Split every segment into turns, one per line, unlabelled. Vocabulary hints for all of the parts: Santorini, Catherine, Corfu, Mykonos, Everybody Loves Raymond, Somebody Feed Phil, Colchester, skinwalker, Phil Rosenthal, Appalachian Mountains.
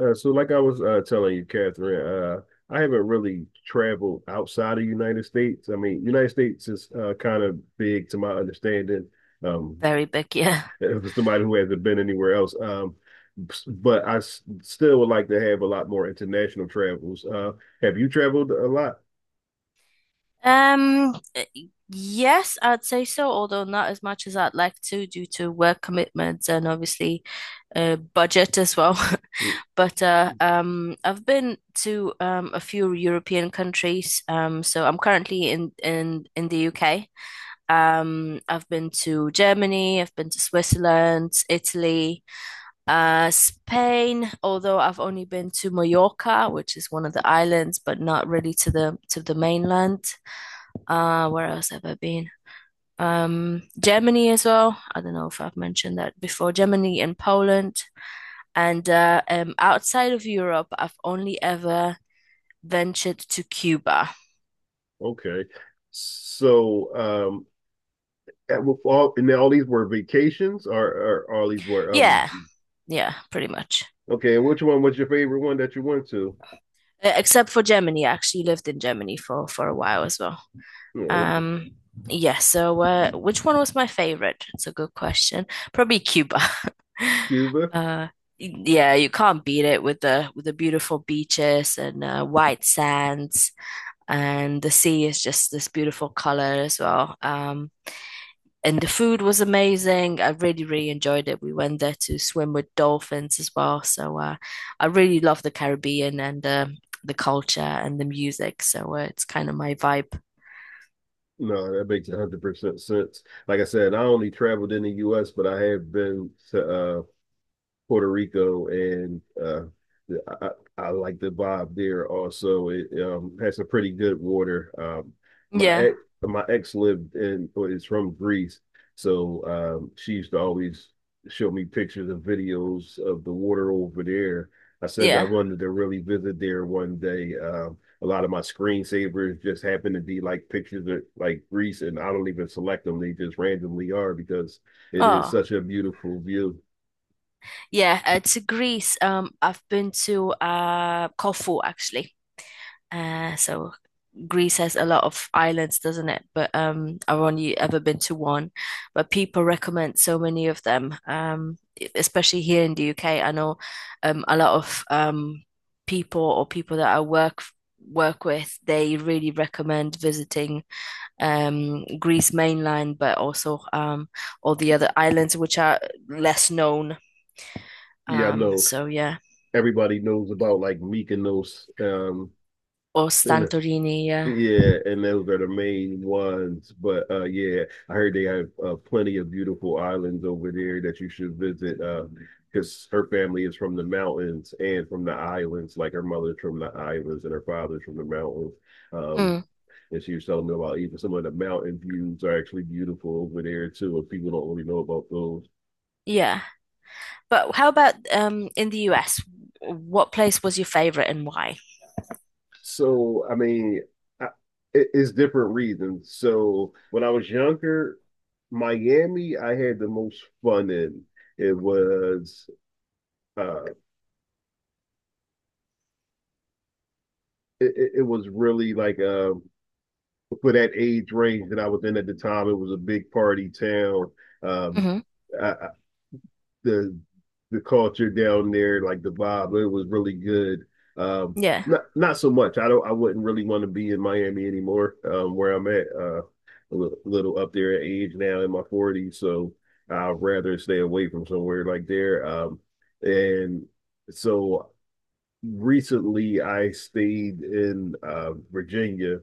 So like I was telling you, Catherine, I haven't really traveled outside of United States. I mean, United States is kind of big to my understanding. Um,
Very big, yeah.
for somebody who hasn't been anywhere else, but I s still would like to have a lot more international travels. Have you traveled a lot?
Um, uh, yes, I'd say so, although not as much as I'd like to due to work commitments and obviously budget as well.
Mm,
But I've been to a few European countries. So I'm currently in the UK. I've been to Germany, I've been to Switzerland, Italy, Spain, although I've only been to Mallorca, which is one of the islands, but not really to the mainland. Where else have I been? Germany as well. I don't know if I've mentioned that before. Germany and Poland. And outside of Europe, I've only ever ventured to Cuba.
okay, so and all these were vacations, or all these were
Yeah, yeah, pretty much.
Okay, which one was your favorite one that you went to?
Except for Germany. I actually lived in Germany for a while as well.
Mm, okay.
Um, yeah, so which one was my favorite? It's a good question. Probably Cuba.
Cuba.
Uh, yeah, you can't beat it with the beautiful beaches and white sands, and the sea is just this beautiful color as well. And the food was amazing. I really, really enjoyed it. We went there to swim with dolphins as well. So I really love the Caribbean and the culture and the music. So it's kind of my vibe.
No, that makes 100% sense. Like I said, I only traveled in the US, but I have been to Puerto Rico, and I I like the vibe there. Also, it has some pretty good water. My
Yeah,
ex my ex lived in or is from Greece, so she used to always show me pictures and videos of the water over there. I said I
yeah.
wanted to really visit there one day. A lot of my screensavers just happen to be like pictures of like Greece, and I don't even select them; they just randomly are because it is
Oh.
such a beautiful view.
Yeah, to Greece. I've been to Corfu actually. So Greece has a lot of islands, doesn't it? But I've only ever been to one. But people recommend so many of them. Especially here in the UK, I know a lot of people or people that I work with, they really recommend visiting Greece mainland, but also all the other islands which are less known.
Yeah, I know,
So yeah.
everybody knows about, like, Mykonos.
Or
And
Santorini, yeah.
yeah, and those are the main ones. But yeah, I heard they have plenty of beautiful islands over there that you should visit. Because her family is from the mountains and from the islands. Like, her mother's from the islands and her father's from the mountains. Um,
Mm,
and she was telling me about even some of the mountain views are actually beautiful over there too. And people don't really know about those.
yeah. But how about in the US? What place was your favorite and why?
So, I mean, I, it's different reasons. So, when I was younger, Miami, I had the most fun in. It was uh it was really like for that age range that I was in at the time, it was a big party town. Um
Hmm.
I, the the culture down there, like the vibe. It was really good. Um,
Yeah.
Not so much. I don't. I wouldn't really want to be in Miami anymore. Where I'm at, a little up there at age now in my 40s, so I'd rather stay away from somewhere like there. And so recently I stayed in Virginia,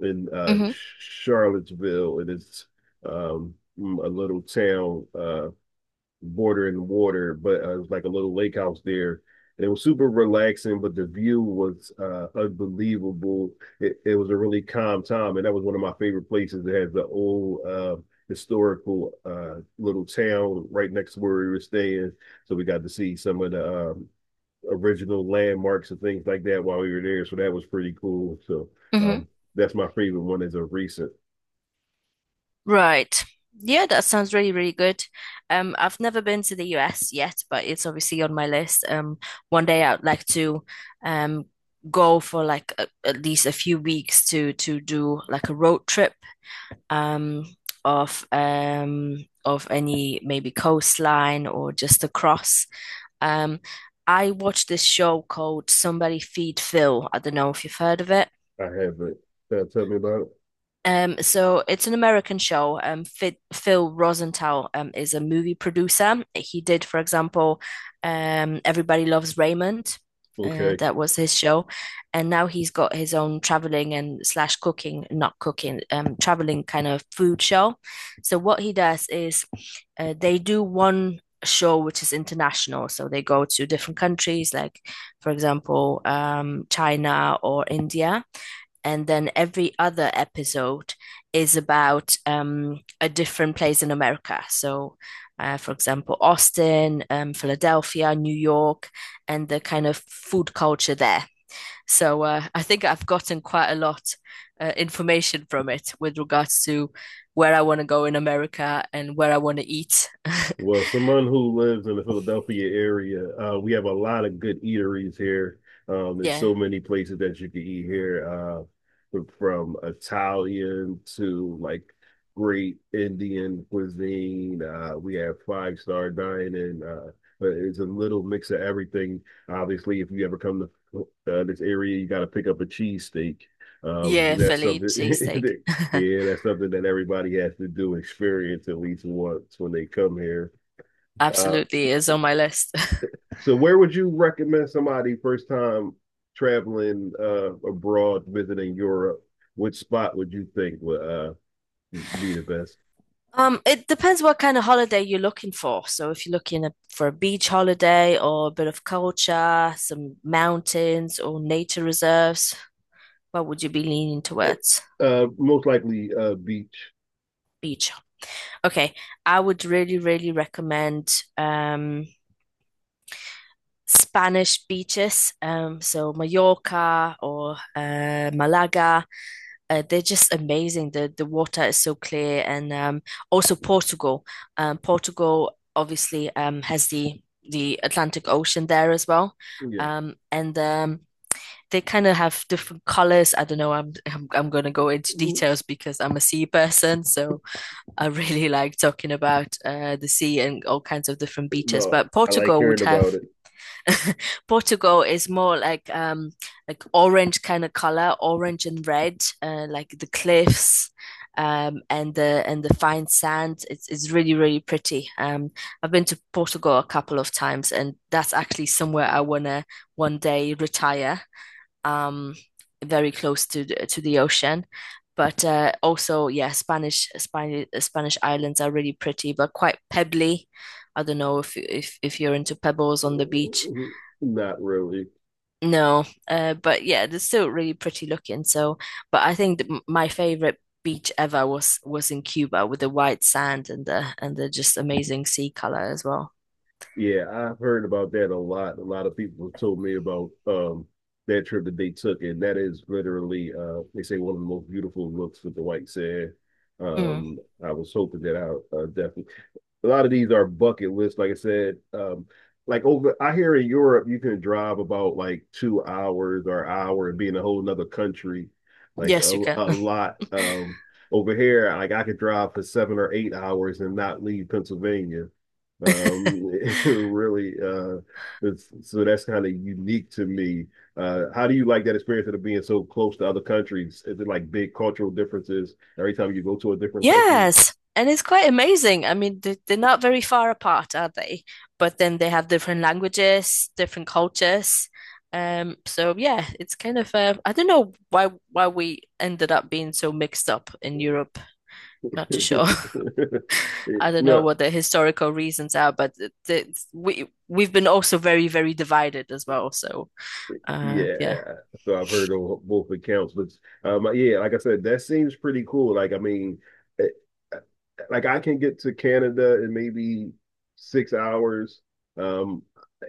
in
Hmm.
Charlottesville, and it's um, a little town bordering water, but it was like a little lake house there. And it was super relaxing, but the view was unbelievable. It was a really calm time, and that was one of my favorite places. It has the old historical little town right next to where we were staying, so we got to see some of the original landmarks and things like that while we were there. So that was pretty cool. So
Hmm.
um, that's my favorite one. Is a recent.
Right. Yeah, that sounds really, really good. I've never been to the US yet, but it's obviously on my list. One day I'd like to um go for like a, at least a few weeks to do like a road trip um, of any maybe coastline or just across. Um, I watched this show called Somebody Feed Phil. I don't know if you've heard of it.
I haven't. Tell me about it.
So it's an American show. Phil Rosenthal is a movie producer. He did, for example, Everybody Loves Raymond.
Okay.
That was his show, and now he's got his own traveling and slash cooking, not cooking, traveling kind of food show. So what he does is, they do one show which is international. So they go to different countries, like for example, China or India, and then every other episode is about a different place in America. So, for example, Austin, Philadelphia, New York, and the kind of food culture there. So, I think I've gotten quite a lot information from it with regards to where I want to go in America and where I want to eat.
Well, someone who lives in the Philadelphia area, we have a lot of good eateries here. There's
Yeah.
so many places that you can eat here, from Italian to like great Indian cuisine. We have five-star dining. But it's a little mix of everything. Obviously, if you ever come to this area, you got to pick up a cheesesteak.
Yeah,
That's
Philly
something
cheesesteak.
that yeah, that's something that everybody has to do, experience at least once when they come here. Uh,
Absolutely is on my list.
so where would you recommend somebody first time traveling abroad, visiting Europe? Which spot would you think would be the best?
It depends what kind of holiday you're looking for. So if you're looking at, for a beach holiday or a bit of culture, some mountains or nature reserves, what would you be leaning towards?
Most likely beach.
Beach. Okay, I would really, really recommend um, Spanish beaches. So Mallorca or Malaga. They're just amazing. The water is so clear, and also Portugal. Portugal obviously has the Atlantic Ocean there as well,
Yeah.
and they kind of have different colors. I don't know. I'm going to go into details because I'm a sea person, so I really like talking about the sea and all kinds of different beaches.
No,
But
I like
Portugal would
hearing about
have
it.
Portugal is more like orange kind of color, orange and red, like the cliffs and the fine sand. It's really really pretty. I've been to Portugal a couple of times, and that's actually somewhere I wanna one day retire. Um, Very close to the ocean. But also, yeah, Spanish islands are really pretty, but quite pebbly. I don't know if you're into pebbles on the beach.
Not really.
No, but yeah, they're still really pretty looking. So, but I think that my favorite beach ever was in Cuba with the white sand and the just amazing sea color as well.
Yeah, I've heard about that a lot. A lot of people have told me about that trip that they took, and that is literally they say one of the most beautiful looks with the white sand.
Mm.
Um, I was hoping that I definitely a lot of these are bucket lists, like I said. I hear in Europe, you can drive about like 2 hours or an hour and be in a whole nother country, like
Yes, you
a,
can.
a lot. Over here, like I could drive for 7 or 8 hours and not leave Pennsylvania. Um, really, uh, so that's kind of unique to me. How do you like that experience of being so close to other countries? Is it like big cultural differences every time you go to a different country?
Yes, and it's quite amazing. I mean, they're not very far apart, are they? But then they have different languages, different cultures. So yeah, it's kind of I don't know why we ended up being so mixed up in Europe. Not too sure. I don't know
No,
what the historical reasons are, but we we've been also very, very divided as well. So, uh, yeah,
yeah. So I've heard on both accounts, but yeah, like I said, that seems pretty cool. Like, I mean, eh, eh, like I can get to Canada in maybe 6 hours. Um,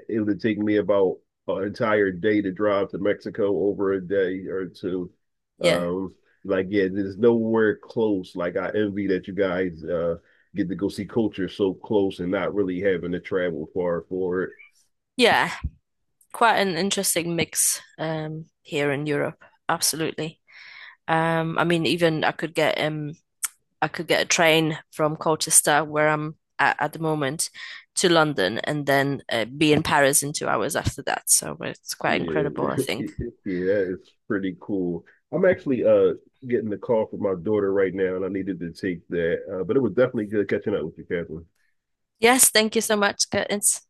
it would take me about an entire day to drive to Mexico over a day or two.
yeah,
Um, like, yeah, there's nowhere close. Like, I envy that you guys get to go see culture so close and not really having to travel far for it.
yeah, quite an interesting mix here in Europe. Absolutely. I mean, even I could get a train from Colchester, where I'm at the moment, to London, and then be in Paris in 2 hours after that. So it's quite
Yeah,
incredible, I think.
yeah, it's pretty cool. I'm actually getting the call from my daughter right now, and I needed to take that. But it was definitely good catching up with you, Catherine.
Yes, thank you so much, Curtis.